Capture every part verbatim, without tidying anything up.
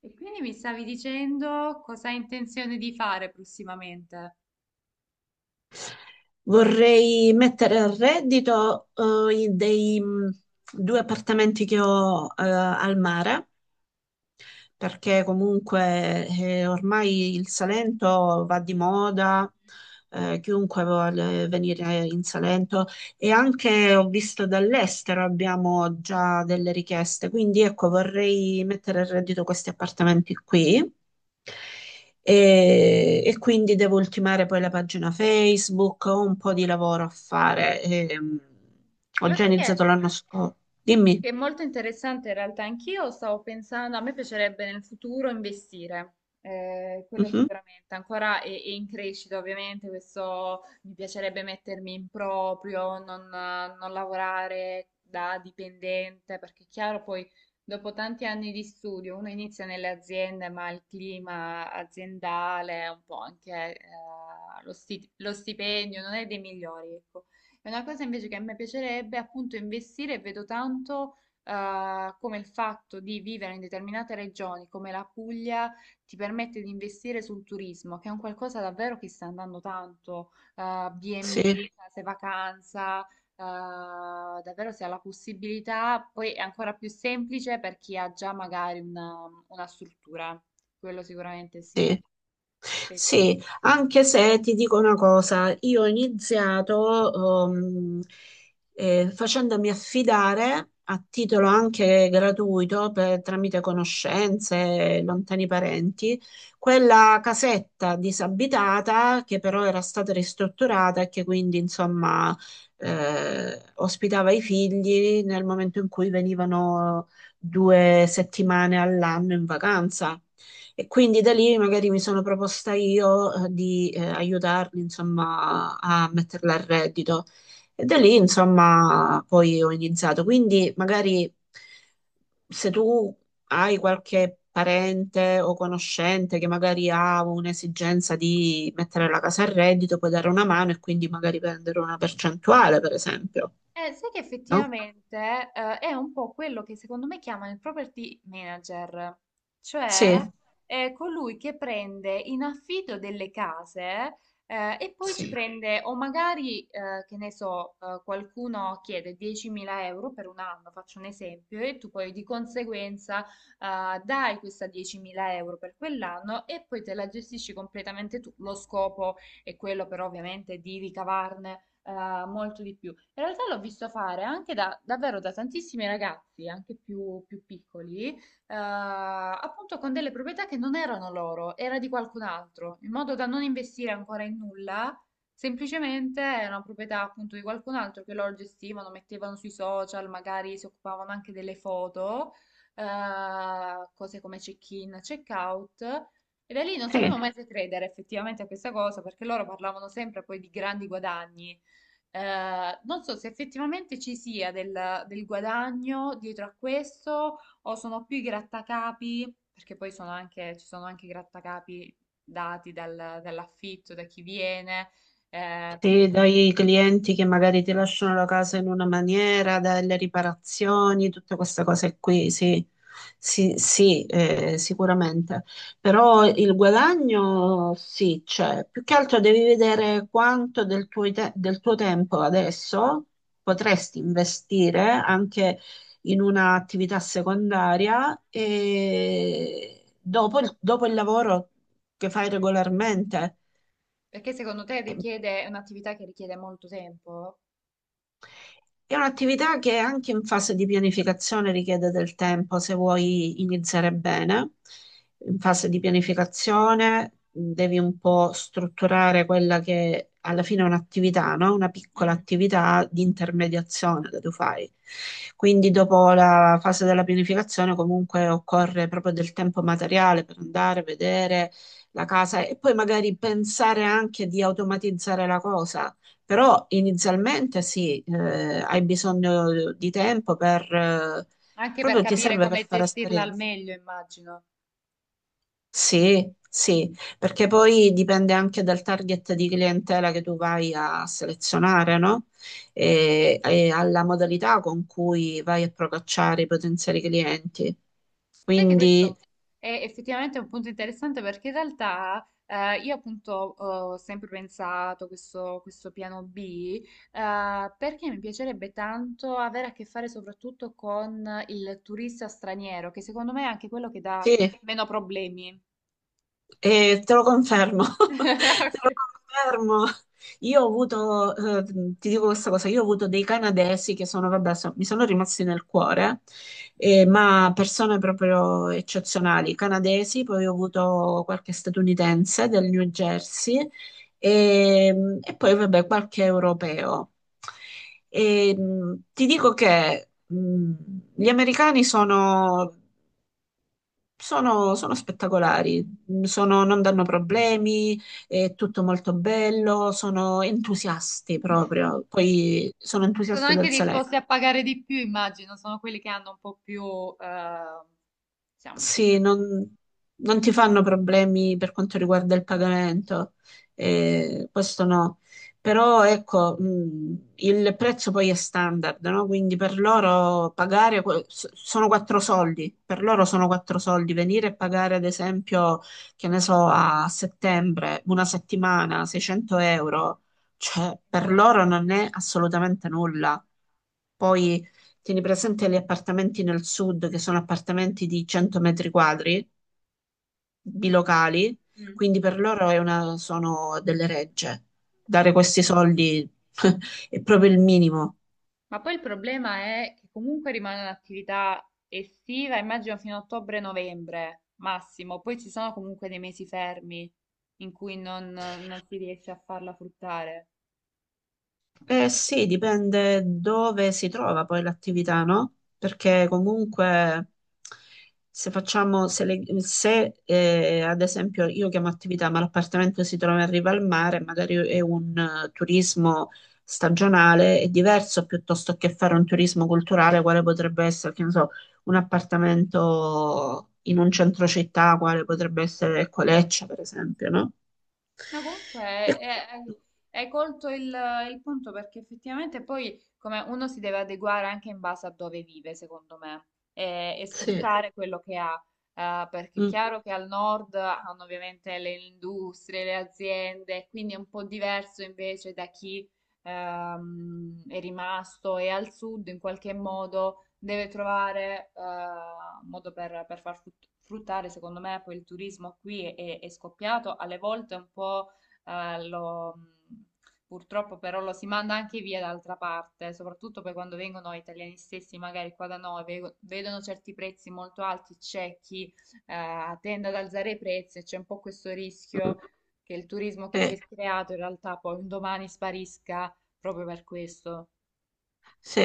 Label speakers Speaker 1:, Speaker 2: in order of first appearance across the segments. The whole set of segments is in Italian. Speaker 1: E quindi mi stavi dicendo cosa hai intenzione di fare prossimamente?
Speaker 2: Vorrei mettere a reddito, eh, i- dei mh, due appartamenti che ho, eh, al mare perché comunque eh, ormai il Salento va di moda, eh, chiunque vuole venire in Salento e anche ho visto dall'estero abbiamo già delle richieste, quindi ecco vorrei mettere a reddito questi appartamenti qui. E, e quindi devo ultimare poi la pagina Facebook, ho un po' di lavoro a fare. Ehm, ho
Speaker 1: Lo
Speaker 2: già
Speaker 1: sai che?
Speaker 2: iniziato l'anno scorso. Dimmi.
Speaker 1: Che è molto interessante in realtà, anch'io stavo pensando, a me piacerebbe nel futuro investire, eh, quello
Speaker 2: Mhm.
Speaker 1: sicuramente, ancora è, è in crescita ovviamente, questo mi piacerebbe mettermi in proprio, non, eh, non lavorare da dipendente, perché è chiaro poi dopo tanti anni di studio uno inizia nelle aziende, ma il clima aziendale, un po' anche eh, lo sti- lo stipendio non è dei migliori, ecco. È una cosa invece che a me piacerebbe appunto investire, e vedo tanto eh, come il fatto di vivere in determinate regioni, come la Puglia, ti permette di investire sul turismo, che è un qualcosa davvero che sta andando tanto, eh,
Speaker 2: Sì,
Speaker 1: B and B, case vacanza, eh, davvero si ha la possibilità, poi è ancora più semplice per chi ha già magari una, una struttura, quello sicuramente sì.
Speaker 2: sì.
Speaker 1: Aspetta.
Speaker 2: Sì, anche se ti dico una cosa, io ho iniziato ehm, eh, facendomi affidare a titolo anche gratuito per- tramite conoscenze, lontani parenti, quella casetta disabitata che però era stata ristrutturata e che quindi insomma eh, ospitava i figli nel momento in cui venivano due settimane all'anno in vacanza. E quindi da lì magari mi sono proposta io, eh, di eh, aiutarli, insomma, a metterla a reddito. E da lì, insomma, poi ho iniziato. Quindi magari se tu hai qualche parente o conoscente che magari ha un'esigenza di mettere la casa a reddito, puoi dare una mano e quindi magari prendere una percentuale, per esempio,
Speaker 1: Eh, sai che
Speaker 2: no?
Speaker 1: effettivamente eh, è un po' quello che secondo me chiamano il property manager, cioè
Speaker 2: Sì,
Speaker 1: è colui che prende in affitto delle case eh, e poi ci
Speaker 2: sì,
Speaker 1: prende, o magari, eh, che ne so, eh, qualcuno chiede diecimila euro per un anno, faccio un esempio, e tu poi di conseguenza eh, dai questa diecimila euro per quell'anno e poi te la gestisci completamente tu. Lo scopo è quello però ovviamente di ricavarne eh, molto di più. In realtà l'ho visto fare anche da, davvero da tantissimi ragazzi, anche più, più piccoli, eh, appunto con delle proprietà che non erano loro, era di qualcun altro, in modo da non investire ancora in nulla. Semplicemente era una proprietà appunto di qualcun altro che loro gestivano, mettevano sui social, magari si occupavano anche delle foto, eh, cose come check-in, check-out. E da lì non sapevo
Speaker 2: sì.
Speaker 1: mai se credere effettivamente a questa cosa, perché loro parlavano sempre poi di grandi guadagni. Eh, non so se effettivamente ci sia del, del guadagno dietro a questo o sono più i grattacapi, perché poi sono anche, ci sono anche i grattacapi dati dal- dall'affitto, da chi viene, eh, più
Speaker 2: Sì,
Speaker 1: che...
Speaker 2: dai clienti che magari ti lasciano la casa in una maniera, dalle riparazioni, tutte queste cose qui, sì, sì, sì, eh, sicuramente. Però il guadagno sì, c'è. Più che altro devi vedere quanto del tuo, te- del tuo tempo adesso potresti investire anche in un'attività secondaria e dopo il dopo il lavoro che fai
Speaker 1: Mm.
Speaker 2: regolarmente.
Speaker 1: Perché secondo te richiede, è un'attività che richiede molto tempo?
Speaker 2: È un'attività che anche in fase di pianificazione richiede del tempo se vuoi iniziare bene. In fase di pianificazione mh, devi un po' strutturare quella che alla fine è un'attività, no? Una piccola
Speaker 1: Mm.
Speaker 2: attività di intermediazione che tu fai. Quindi dopo la fase della pianificazione comunque occorre proprio del tempo materiale per andare a vedere la casa e poi magari pensare anche di automatizzare la cosa però inizialmente sì, eh, hai bisogno di tempo per, eh,
Speaker 1: Anche per
Speaker 2: proprio ti
Speaker 1: capire
Speaker 2: serve per
Speaker 1: come
Speaker 2: fare
Speaker 1: gestirla al
Speaker 2: esperienza.
Speaker 1: meglio, immagino.
Speaker 2: Sì, sì, perché poi dipende anche dal target di clientela che tu vai a selezionare, no? E, e alla modalità con cui vai a procacciare i potenziali clienti.
Speaker 1: Sai che sì,
Speaker 2: Quindi
Speaker 1: questo è effettivamente un punto interessante perché in realtà eh, io appunto ho sempre pensato questo, questo piano B eh, perché mi piacerebbe tanto avere a che fare soprattutto con il turista straniero, che secondo me è anche quello che dà
Speaker 2: sì.
Speaker 1: meno problemi.
Speaker 2: Eh, te lo confermo, te lo confermo. Io ho avuto, eh, ti dico questa cosa, io ho avuto dei canadesi che sono, vabbè, so- mi sono rimasti nel cuore, eh, ma persone proprio eccezionali, canadesi, poi ho avuto qualche statunitense del New Jersey e, e poi, vabbè, qualche europeo. E, mh, ti dico che mh, gli americani sono sono, sono spettacolari, mm, sono- non danno problemi, è tutto molto bello, sono entusiasti proprio, poi sono
Speaker 1: Sono
Speaker 2: entusiasti
Speaker 1: anche
Speaker 2: del Salento.
Speaker 1: disposti a pagare di più, immagino, sono quelli che hanno un po' più, eh, diciamo sì,
Speaker 2: Sì, non, non ti fanno problemi per quanto riguarda il pagamento, eh, questo no. Però ecco, mh, il prezzo poi è standard, no? Quindi per loro pagare que- s- sono quattro soldi, per loro sono quattro soldi. Venire e pagare, ad esempio, che ne so, a settembre, una settimana, seicento euro, cioè per
Speaker 1: nulla.
Speaker 2: loro non è assolutamente nulla. Poi tieni presente gli appartamenti nel sud, che sono appartamenti di cento metri quadri, bilocali,
Speaker 1: Mm.
Speaker 2: quindi per loro è una- sono delle regge. Dare questi soldi è proprio il minimo.
Speaker 1: Ma poi il problema è che comunque rimane un'attività estiva, immagino fino a ottobre-novembre massimo, poi ci sono comunque dei mesi fermi in cui non, non si riesce a farla fruttare.
Speaker 2: Eh sì, dipende dove si trova poi l'attività, no? Perché comunque se facciamo, se, le- se, eh, ad esempio io chiamo attività, ma l'appartamento si trova in riva al mare, magari è un eh, turismo stagionale, è diverso piuttosto che fare un turismo culturale, quale potrebbe essere, che ne so, un appartamento in un centro città, quale potrebbe essere Coleccia, per esempio, no?
Speaker 1: No,
Speaker 2: E-
Speaker 1: comunque eh, hai, hai colto il, il punto perché effettivamente poi come uno si deve adeguare anche in base a dove vive, secondo me, e, e
Speaker 2: Sì.
Speaker 1: sfruttare quello che ha, eh, perché è
Speaker 2: Mm,
Speaker 1: chiaro che al nord hanno ovviamente le industrie, le aziende, quindi è un po' diverso invece da chi ehm, è rimasto e al sud in qualche modo deve trovare eh, un modo per, per far frut- fruttare, secondo me, poi il turismo qui è, è- è scoppiato, alle volte un po' eh, lo- purtroppo però lo si manda anche via d'altra parte, soprattutto poi quando vengono italiani stessi, magari qua da noi, ve- vedono certi prezzi molto alti, c'è chi eh, tende ad alzare i prezzi e c'è un po' questo
Speaker 2: mm.
Speaker 1: rischio che il turismo che si
Speaker 2: Eh,
Speaker 1: è creato in realtà poi un domani sparisca proprio per questo.
Speaker 2: sì,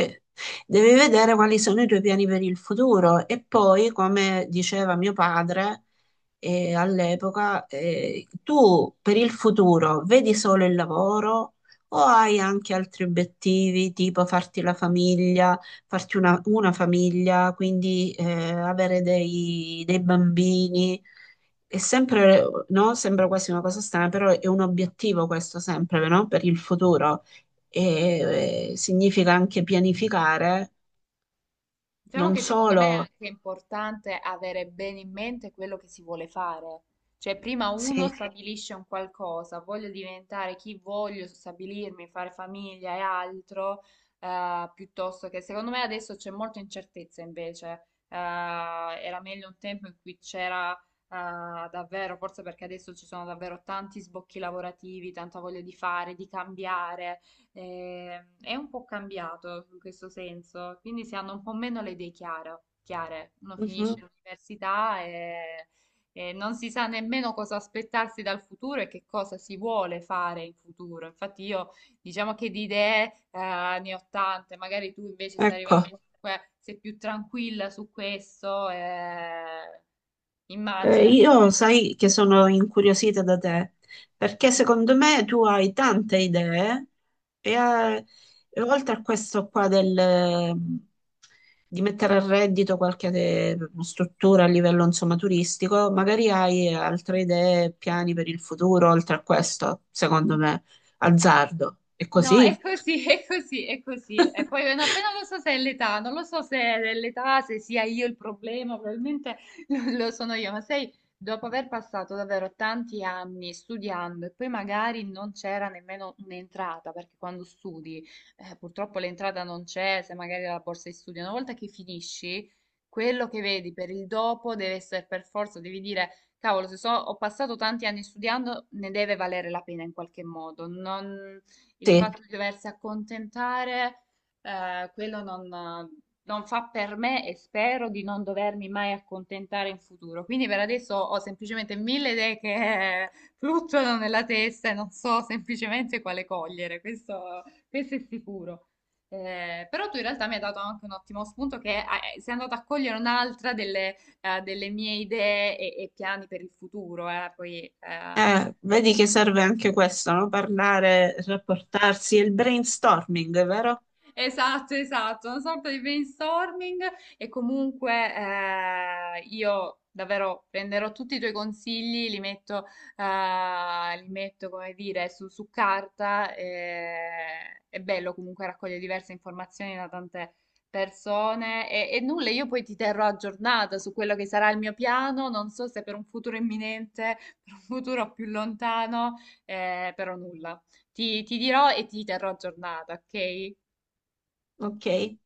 Speaker 2: devi vedere quali sono i tuoi piani per il futuro e poi, come diceva mio padre, eh, all'epoca, eh, tu per il futuro vedi solo il lavoro o hai anche altri obiettivi, tipo farti la famiglia, farti una, una famiglia, quindi eh, avere dei, dei bambini? È sempre, no? Sembra quasi una cosa strana, però è un obiettivo questo sempre, no? Per il futuro. E, eh, significa anche pianificare,
Speaker 1: Diciamo
Speaker 2: non
Speaker 1: che secondo
Speaker 2: solo,
Speaker 1: me è anche importante avere bene in mente quello che si vuole fare. Cioè, prima uno
Speaker 2: sì,
Speaker 1: stabilisce un qualcosa, voglio diventare chi voglio, stabilirmi, fare famiglia e altro, eh, piuttosto che secondo me adesso c'è molta incertezza invece. Eh, era meglio un tempo in cui c'era eh, davvero, forse perché adesso ci sono davvero tanti sbocchi lavorativi, tanta voglia di fare, di cambiare eh, è un po' cambiato in questo senso, quindi si hanno un po' meno le idee chiaro- chiare. Uno finisce
Speaker 2: mhm,
Speaker 1: l'università e, e non si sa nemmeno cosa aspettarsi dal futuro e che cosa si vuole fare in futuro. Infatti io diciamo che di idee eh, ne ho tante, magari tu invece sei
Speaker 2: ecco.
Speaker 1: arrivato comunque, sei più tranquilla su questo, eh,
Speaker 2: Eh,
Speaker 1: immagino.
Speaker 2: io sai che sono incuriosita da te, perché secondo me tu hai tante idee e, eh, e oltre a questo qua del, eh, di mettere a reddito qualche eh, struttura a livello insomma turistico, magari hai altre idee, piani per il futuro, oltre a questo, secondo me, azzardo. È
Speaker 1: No, è
Speaker 2: così?
Speaker 1: così, è così, è così. E poi no, poi non lo so se è l'età, non lo so se è l'età, se sia io il problema, probabilmente lo, lo sono io, ma sai, dopo aver passato davvero tanti anni studiando e poi magari non c'era nemmeno un'entrata, perché quando studi, eh, purtroppo l'entrata non c'è, se magari la borsa di studio, una volta che finisci, quello che vedi per il dopo deve essere per forza, devi dire... Cavolo, se so, ho passato tanti anni studiando, ne deve valere la pena in qualche modo. Non, il
Speaker 2: Sì,
Speaker 1: fatto di doversi accontentare, eh, quello non, non fa per me e spero di non dovermi mai accontentare in futuro. Quindi per adesso ho semplicemente mille idee che fluttuano nella testa e non so semplicemente quale cogliere, questo, questo è sicuro. Eh, però tu in realtà mi hai dato anche un ottimo spunto che ah, eh, sei andato a cogliere un'altra delle, eh, delle mie idee e, e piani per il futuro, eh. Poi eh,
Speaker 2: eh, vedi che serve anche questo, no? Parlare, rapportarsi, il brainstorming, vero?
Speaker 1: esatto, esatto, una sorta di brainstorming e comunque eh, io davvero prenderò tutti i tuoi consigli, li metto, eh, li metto come dire, su, su carta. E- è bello comunque raccogliere diverse informazioni da tante persone e, e nulla, io poi ti terrò aggiornata su quello che sarà il mio piano, non so se per un futuro imminente, per un futuro più lontano, eh, però nulla. ti ti dirò e ti terrò aggiornata, ok?
Speaker 2: Ok.